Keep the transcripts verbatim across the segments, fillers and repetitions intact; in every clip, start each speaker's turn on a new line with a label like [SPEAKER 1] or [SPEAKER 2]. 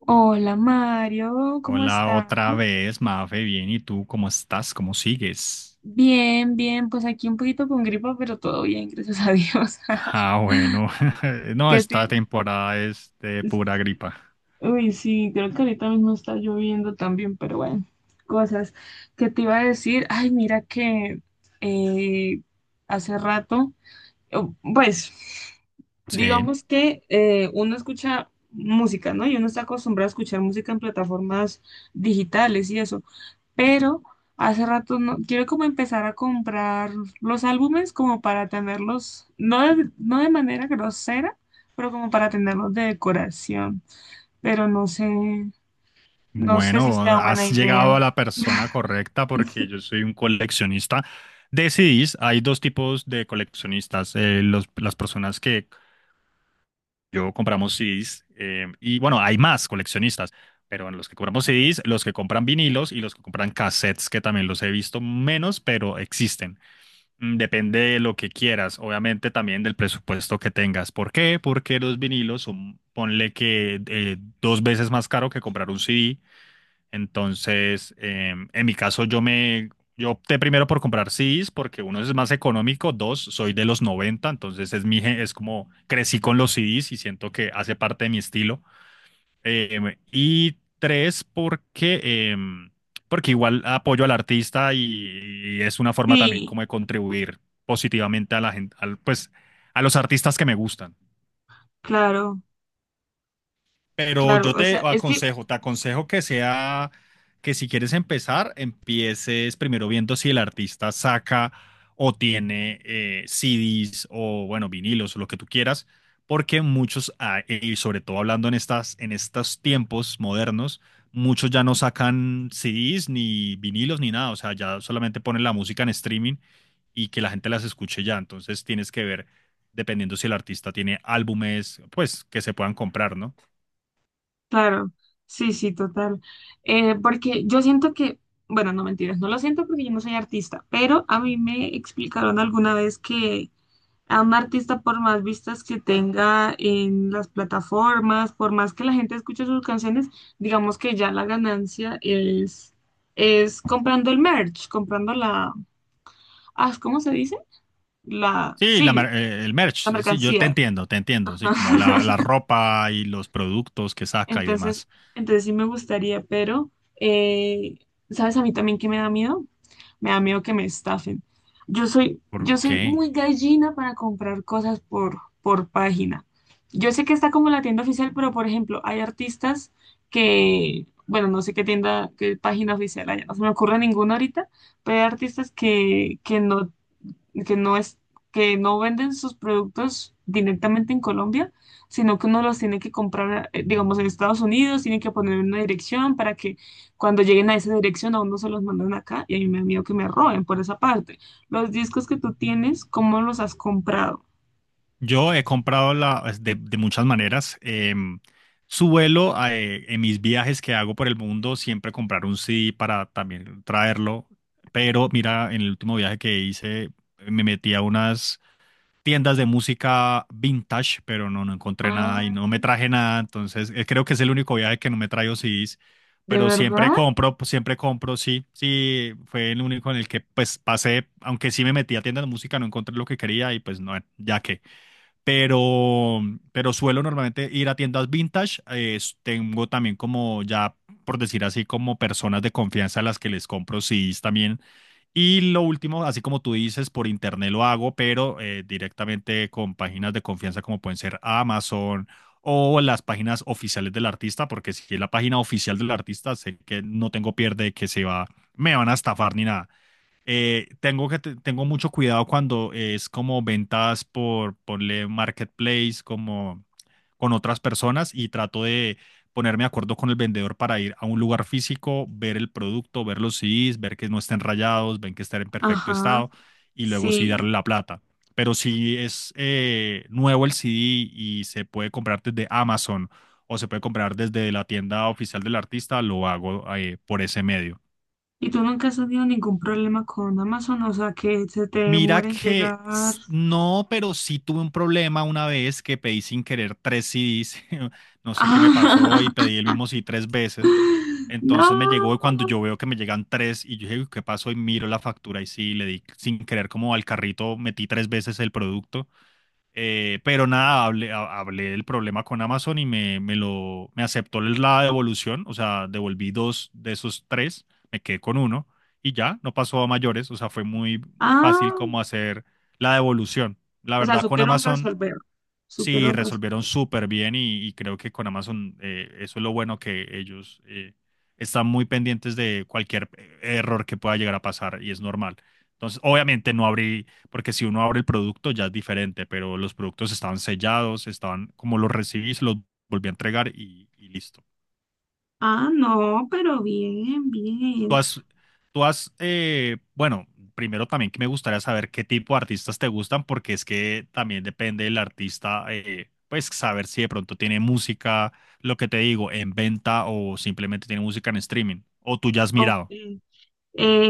[SPEAKER 1] Hola Mario, ¿cómo
[SPEAKER 2] Hola
[SPEAKER 1] estás?
[SPEAKER 2] otra vez, Mafe, bien, ¿y tú cómo estás? ¿Cómo sigues?
[SPEAKER 1] Bien, bien, pues aquí un poquito con gripa, pero todo bien, gracias a Dios.
[SPEAKER 2] Ah, bueno, no,
[SPEAKER 1] ¿Qué
[SPEAKER 2] esta
[SPEAKER 1] te...
[SPEAKER 2] temporada es de pura gripa.
[SPEAKER 1] Uy, sí, creo que ahorita mismo está lloviendo también, pero bueno, cosas que te iba a decir. Ay, mira que eh, hace rato o- Pues,
[SPEAKER 2] Sí,
[SPEAKER 1] digamos que eh, uno escucha música, ¿no? Y uno está acostumbrado a escuchar música en plataformas digitales y eso, pero hace rato no, quiero como empezar a comprar los álbumes como para tenerlos, no de, no de manera grosera, pero como para tenerlos de decoración, pero no sé, no sé si
[SPEAKER 2] bueno,
[SPEAKER 1] sea buena
[SPEAKER 2] has llegado a
[SPEAKER 1] idea.
[SPEAKER 2] la persona correcta porque yo soy un coleccionista de C Ds. Hay dos tipos de coleccionistas, eh, los- las personas que yo compramos C Ds eh, y bueno, hay más coleccionistas. Pero en los que compramos C Ds, los que compran vinilos y los que compran cassettes, que también los he visto menos, pero existen. Mm, Depende de lo que quieras, obviamente también del presupuesto que tengas. ¿Por qué? Porque los vinilos son, ponle que eh, dos veces más caro que comprar un C D. Entonces, eh, en mi caso, yo me, yo opté primero por comprar C Ds porque uno es más económico, dos, soy de los noventa, entonces es mi, gen- es como crecí con los C Ds y siento que hace parte de mi estilo. Em, y tres, porque, em, porque igual apoyo al artista y, y es una forma también
[SPEAKER 1] Sí,
[SPEAKER 2] como de contribuir positivamente a la gente, al, pues a los artistas que me gustan.
[SPEAKER 1] claro,
[SPEAKER 2] Pero
[SPEAKER 1] claro,
[SPEAKER 2] yo
[SPEAKER 1] o
[SPEAKER 2] te
[SPEAKER 1] sea, es que
[SPEAKER 2] aconsejo, te aconsejo que sea, que si quieres empezar, empieces primero viendo si el artista saca o tiene eh, C Ds o, bueno, vinilos o lo que tú quieras, porque muchos, ah, y sobre todo hablando en estas, en estos tiempos modernos, muchos ya no sacan C Ds ni vinilos ni nada, o sea, ya solamente ponen la música en streaming y que la gente las escuche ya, entonces tienes que ver, dependiendo si el artista tiene álbumes, pues que se puedan comprar, ¿no?
[SPEAKER 1] claro, sí, sí, total. Eh, porque yo siento que, bueno, no mentiras, no lo siento porque yo no soy artista, pero a mí me explicaron alguna vez que a un artista, por más vistas que tenga en las plataformas, por más que la gente escuche sus canciones, digamos que ya la ganancia es, es comprando el merch, comprando la, ah, ¿cómo se dice? La,
[SPEAKER 2] Sí, la
[SPEAKER 1] sí,
[SPEAKER 2] mer- eh, el
[SPEAKER 1] la
[SPEAKER 2] merch, es decir, yo te
[SPEAKER 1] mercancía.
[SPEAKER 2] entiendo, te entiendo, sí, como la, la ropa y los productos que saca y
[SPEAKER 1] Entonces,
[SPEAKER 2] demás.
[SPEAKER 1] entonces sí me gustaría, pero eh, ¿sabes a mí también que me da miedo? Me da miedo que me estafen. Yo soy,
[SPEAKER 2] ¿Por
[SPEAKER 1] yo soy
[SPEAKER 2] qué?
[SPEAKER 1] muy gallina para comprar cosas por, por página. Yo sé que está como la tienda oficial, pero por ejemplo, hay artistas que, bueno, no sé qué tienda, qué página oficial hay, no se me ocurre ninguna ahorita, pero hay artistas que, que no que no es, que no venden sus productos directamente en Colombia, sino que uno los tiene que comprar, eh, digamos, en Estados Unidos, tiene que poner una dirección para que cuando lleguen a esa dirección a uno se los mandan acá y a mí me da miedo que me roben por esa parte. Los discos que tú tienes, ¿cómo los has comprado?
[SPEAKER 2] Yo he comprado la, es de, de muchas maneras. em, suelo eh, en mis viajes que hago por el mundo siempre comprar un C D para también traerlo, pero mira, en el último viaje que hice me metí a unas tiendas de música vintage, pero no, no encontré nada y
[SPEAKER 1] Ah,
[SPEAKER 2] no me traje nada. Entonces, eh, creo que es el único viaje que no me traigo C Ds,
[SPEAKER 1] ¿de
[SPEAKER 2] pero siempre
[SPEAKER 1] verdad?
[SPEAKER 2] compro, pues, siempre compro, sí. Sí, fue el único en el que pues pasé, aunque sí me metí a tiendas de música, no encontré lo que quería y pues no, ya que. Pero, pero suelo normalmente ir a tiendas vintage. Eh, tengo también como ya, por decir así, como personas de confianza a las que les compro C Ds también y lo último, así como tú dices, por internet lo hago, pero eh, directamente con páginas de confianza como pueden ser Amazon o las páginas oficiales del artista, porque si es la página oficial del artista, sé que no tengo pierde que se va, me van a estafar ni nada. Eh, tengo que te- tengo mucho cuidado cuando es como ventas por, ponle marketplace, como con otras personas y trato de ponerme de acuerdo con el vendedor para ir a un lugar físico, ver el producto, ver los C Ds, ver que no estén rayados, ver que estén en perfecto
[SPEAKER 1] Ajá,
[SPEAKER 2] estado y luego sí
[SPEAKER 1] sí.
[SPEAKER 2] darle la plata. Pero si es eh, nuevo el C D y se puede comprar desde Amazon o se puede comprar desde la tienda oficial del artista, lo hago eh, por ese medio.
[SPEAKER 1] ¿Y tú nunca has tenido ningún problema con Amazon? O sea, que se te
[SPEAKER 2] Mira,
[SPEAKER 1] demore en
[SPEAKER 2] que
[SPEAKER 1] llegar.
[SPEAKER 2] s- no, pero sí tuve un problema una vez que pedí sin querer tres C Ds. No sé qué me pasó y pedí el mismo C D tres veces.
[SPEAKER 1] No.
[SPEAKER 2] Entonces me llegó y cuando yo veo que me llegan tres y yo dije, "Uy, ¿qué pasó?" Y miro la factura y sí, le di sin querer como al carrito, metí tres veces el producto eh, pero nada, hablé, ha- hablé del problema con Amazon y me, me lo, me aceptó la devolución, o sea, devolví dos de esos tres, me quedé con uno y ya, no pasó a mayores, o sea, fue muy fácil
[SPEAKER 1] Ah,
[SPEAKER 2] como hacer la devolución. La
[SPEAKER 1] o sea,
[SPEAKER 2] verdad, con
[SPEAKER 1] supieron
[SPEAKER 2] Amazon.
[SPEAKER 1] resolver.
[SPEAKER 2] Sí,
[SPEAKER 1] Supieron
[SPEAKER 2] resolvieron
[SPEAKER 1] resolver.
[SPEAKER 2] súper bien y, y creo que con Amazon eh, eso es lo bueno que ellos eh, están muy pendientes de cualquier eh, error que pueda llegar a pasar y es normal. Entonces, obviamente no abrí, porque si uno abre el producto ya es diferente, pero los productos estaban sellados, estaban como los recibí, se los volví a entregar y y listo.
[SPEAKER 1] Ah, no, pero bien,
[SPEAKER 2] Tú
[SPEAKER 1] bien.
[SPEAKER 2] has, tú has, eh, bueno, primero también que me gustaría saber qué tipo de artistas te gustan, porque es que también depende del artista, eh, pues saber si de pronto tiene música, lo que te digo, en venta o simplemente tiene música en streaming, o tú ya has
[SPEAKER 1] Ok.
[SPEAKER 2] mirado.
[SPEAKER 1] Eh,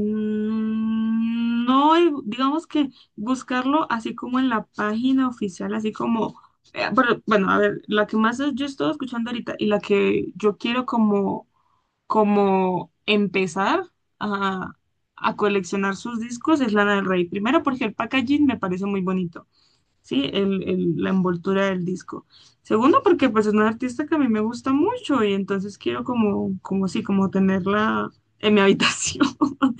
[SPEAKER 1] mm, No, eh, digamos que buscarlo así como en la página oficial, así como, eh, pero, bueno, a ver, la que más yo estoy escuchando ahorita y la que yo quiero como, como empezar a, a coleccionar sus discos es Lana del Rey. Primero porque el packaging me parece muy bonito. Sí, el, el- la envoltura del disco. Segundo, porque pues es una artista que a mí me gusta mucho y entonces quiero como, como sí, como tenerla en mi habitación.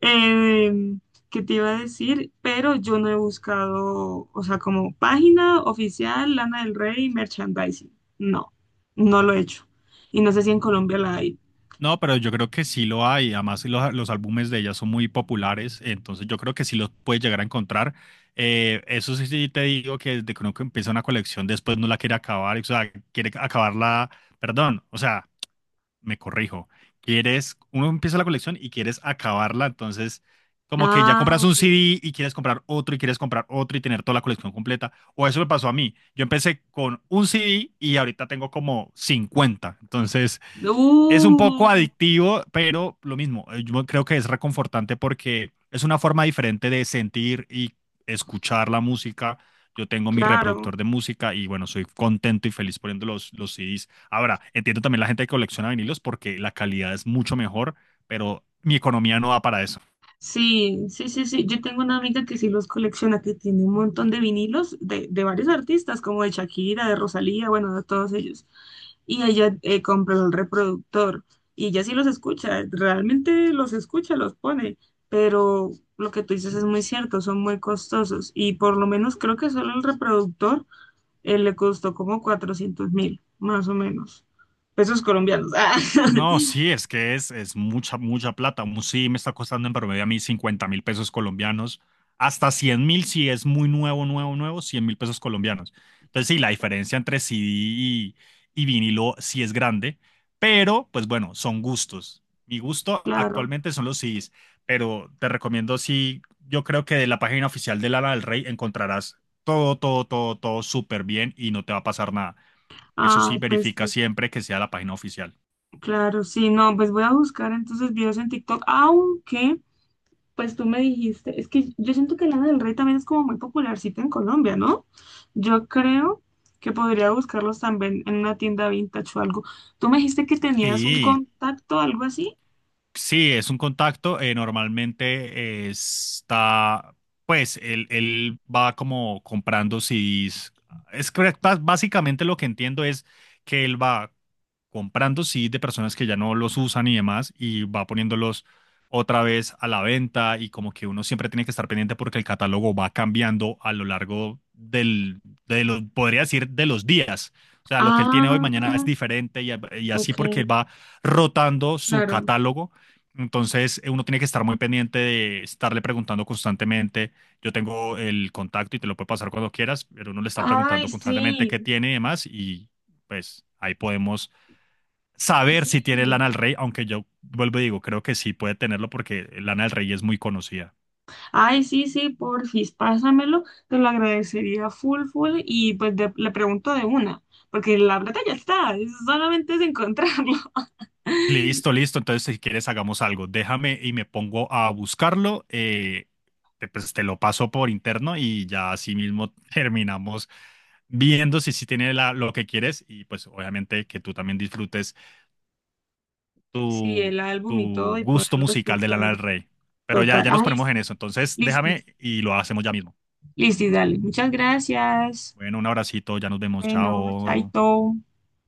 [SPEAKER 1] Eh, ¿Qué te iba a decir? Pero yo no he buscado, o sea, como página oficial, Lana del Rey, merchandising. No, no lo he hecho. Y no sé si en Colombia la hay.
[SPEAKER 2] No, pero yo creo que sí lo hay, además los, los álbumes de ella son muy populares, entonces yo creo que sí los puedes llegar a encontrar. Eh, eso sí, sí te digo que desde que uno que empieza una colección después no la quiere acabar, o sea, quiere acabarla, perdón, o sea me corrijo, quieres, uno empieza la colección y quieres acabarla, entonces como que ya
[SPEAKER 1] Ah,
[SPEAKER 2] compras un
[SPEAKER 1] ok.
[SPEAKER 2] C D y quieres comprar otro y quieres comprar otro y tener toda la colección completa. O eso me pasó a mí. Yo empecé con un C D y ahorita tengo como cincuenta. Entonces es un poco
[SPEAKER 1] Uh,
[SPEAKER 2] adictivo, pero lo mismo, eh, yo creo que es reconfortante porque es una forma diferente de sentir y escuchar la música. Yo tengo mi
[SPEAKER 1] claro.
[SPEAKER 2] reproductor de música y bueno, soy contento y feliz poniendo los, los C Ds. Ahora, entiendo también la gente que colecciona vinilos porque la calidad es mucho mejor, pero mi economía no da para eso.
[SPEAKER 1] Sí, sí, sí, sí. Yo tengo una amiga que sí los colecciona, que tiene un montón de vinilos de, de varios artistas, como de Shakira, de Rosalía, bueno, de todos ellos. Y ella eh, compró el reproductor y ella sí los escucha, realmente los escucha, los pone, pero lo que tú dices es muy cierto, son muy costosos y por lo menos creo que solo el reproductor eh, le costó como cuatrocientos mil, más o menos, pesos colombianos. Ah,
[SPEAKER 2] No, sí, es que es, es mucha, mucha plata. Un Sí, me está costando en promedio a mí cincuenta mil pesos colombianos. Hasta cien mil si es muy nuevo, nuevo, nuevo, cien mil pesos colombianos. Entonces, sí, la diferencia entre C D y, y vinilo sí es grande, pero pues bueno, son gustos. Mi gusto
[SPEAKER 1] claro.
[SPEAKER 2] actualmente son los C Ds, pero te recomiendo, sí, yo creo que de la página oficial de Lana del Rey encontrarás todo, todo, todo, todo súper bien y no te va a pasar nada. Eso
[SPEAKER 1] Ah,
[SPEAKER 2] sí,
[SPEAKER 1] pues
[SPEAKER 2] verifica
[SPEAKER 1] sí.
[SPEAKER 2] siempre que sea la página oficial.
[SPEAKER 1] Claro, sí, no, pues voy a buscar entonces videos en TikTok, aunque, pues tú me dijiste, es que yo siento que Lana del Rey también es como muy popularcita en Colombia, ¿no? Yo creo que podría buscarlos también en una tienda vintage o algo. Tú me dijiste que tenías un
[SPEAKER 2] Sí.
[SPEAKER 1] contacto, algo así.
[SPEAKER 2] Sí, es un contacto. eh, normalmente eh, está, pues, él, él va como comprando C Ds. Es que ba- básicamente lo que entiendo es que él va comprando, sí, de personas que ya no los usan y demás, y va poniéndolos otra vez a la venta y como que uno siempre tiene que estar pendiente porque el catálogo va cambiando a lo largo del, de los, podría decir, de los días. O sea, lo que él tiene hoy,
[SPEAKER 1] Ah,
[SPEAKER 2] mañana es diferente y, y así
[SPEAKER 1] ok,
[SPEAKER 2] porque él va rotando su
[SPEAKER 1] claro.
[SPEAKER 2] catálogo. Entonces, eh, uno tiene que estar muy pendiente de estarle preguntando constantemente. Yo tengo el contacto y te lo puedo pasar cuando quieras, pero uno le está
[SPEAKER 1] Ay,
[SPEAKER 2] preguntando
[SPEAKER 1] sí,
[SPEAKER 2] constantemente qué tiene y demás y pues ahí podemos saber si tiene Lana
[SPEAKER 1] sí.
[SPEAKER 2] del Rey, aunque yo vuelvo y digo, creo que sí puede tenerlo porque Lana del Rey es muy conocida.
[SPEAKER 1] Ay, sí, sí, porfis, pásamelo, te lo agradecería full, full, y pues de- le pregunto de una, porque la plata ya está, es- solamente es encontrarlo.
[SPEAKER 2] Listo, listo. Entonces, si quieres, hagamos algo. Déjame y me pongo a buscarlo. eh, te- pues te lo paso por interno y ya así mismo terminamos viendo si sí tiene la- lo que quieres. Y pues, obviamente, que tú también disfrutes
[SPEAKER 1] Sí, el
[SPEAKER 2] tu,
[SPEAKER 1] álbum y todo,
[SPEAKER 2] tu
[SPEAKER 1] y
[SPEAKER 2] gusto
[SPEAKER 1] poderlo
[SPEAKER 2] musical de Lana
[SPEAKER 1] escuchar.
[SPEAKER 2] del Rey. Pero ya,
[SPEAKER 1] Total,
[SPEAKER 2] ya nos
[SPEAKER 1] ay,
[SPEAKER 2] ponemos en
[SPEAKER 1] sí,
[SPEAKER 2] eso. Entonces,
[SPEAKER 1] listo,
[SPEAKER 2] déjame y lo hacemos ya mismo.
[SPEAKER 1] listo, dale, muchas gracias.
[SPEAKER 2] Bueno, un abracito. Ya nos vemos.
[SPEAKER 1] Bueno,
[SPEAKER 2] Chao.
[SPEAKER 1] chaito.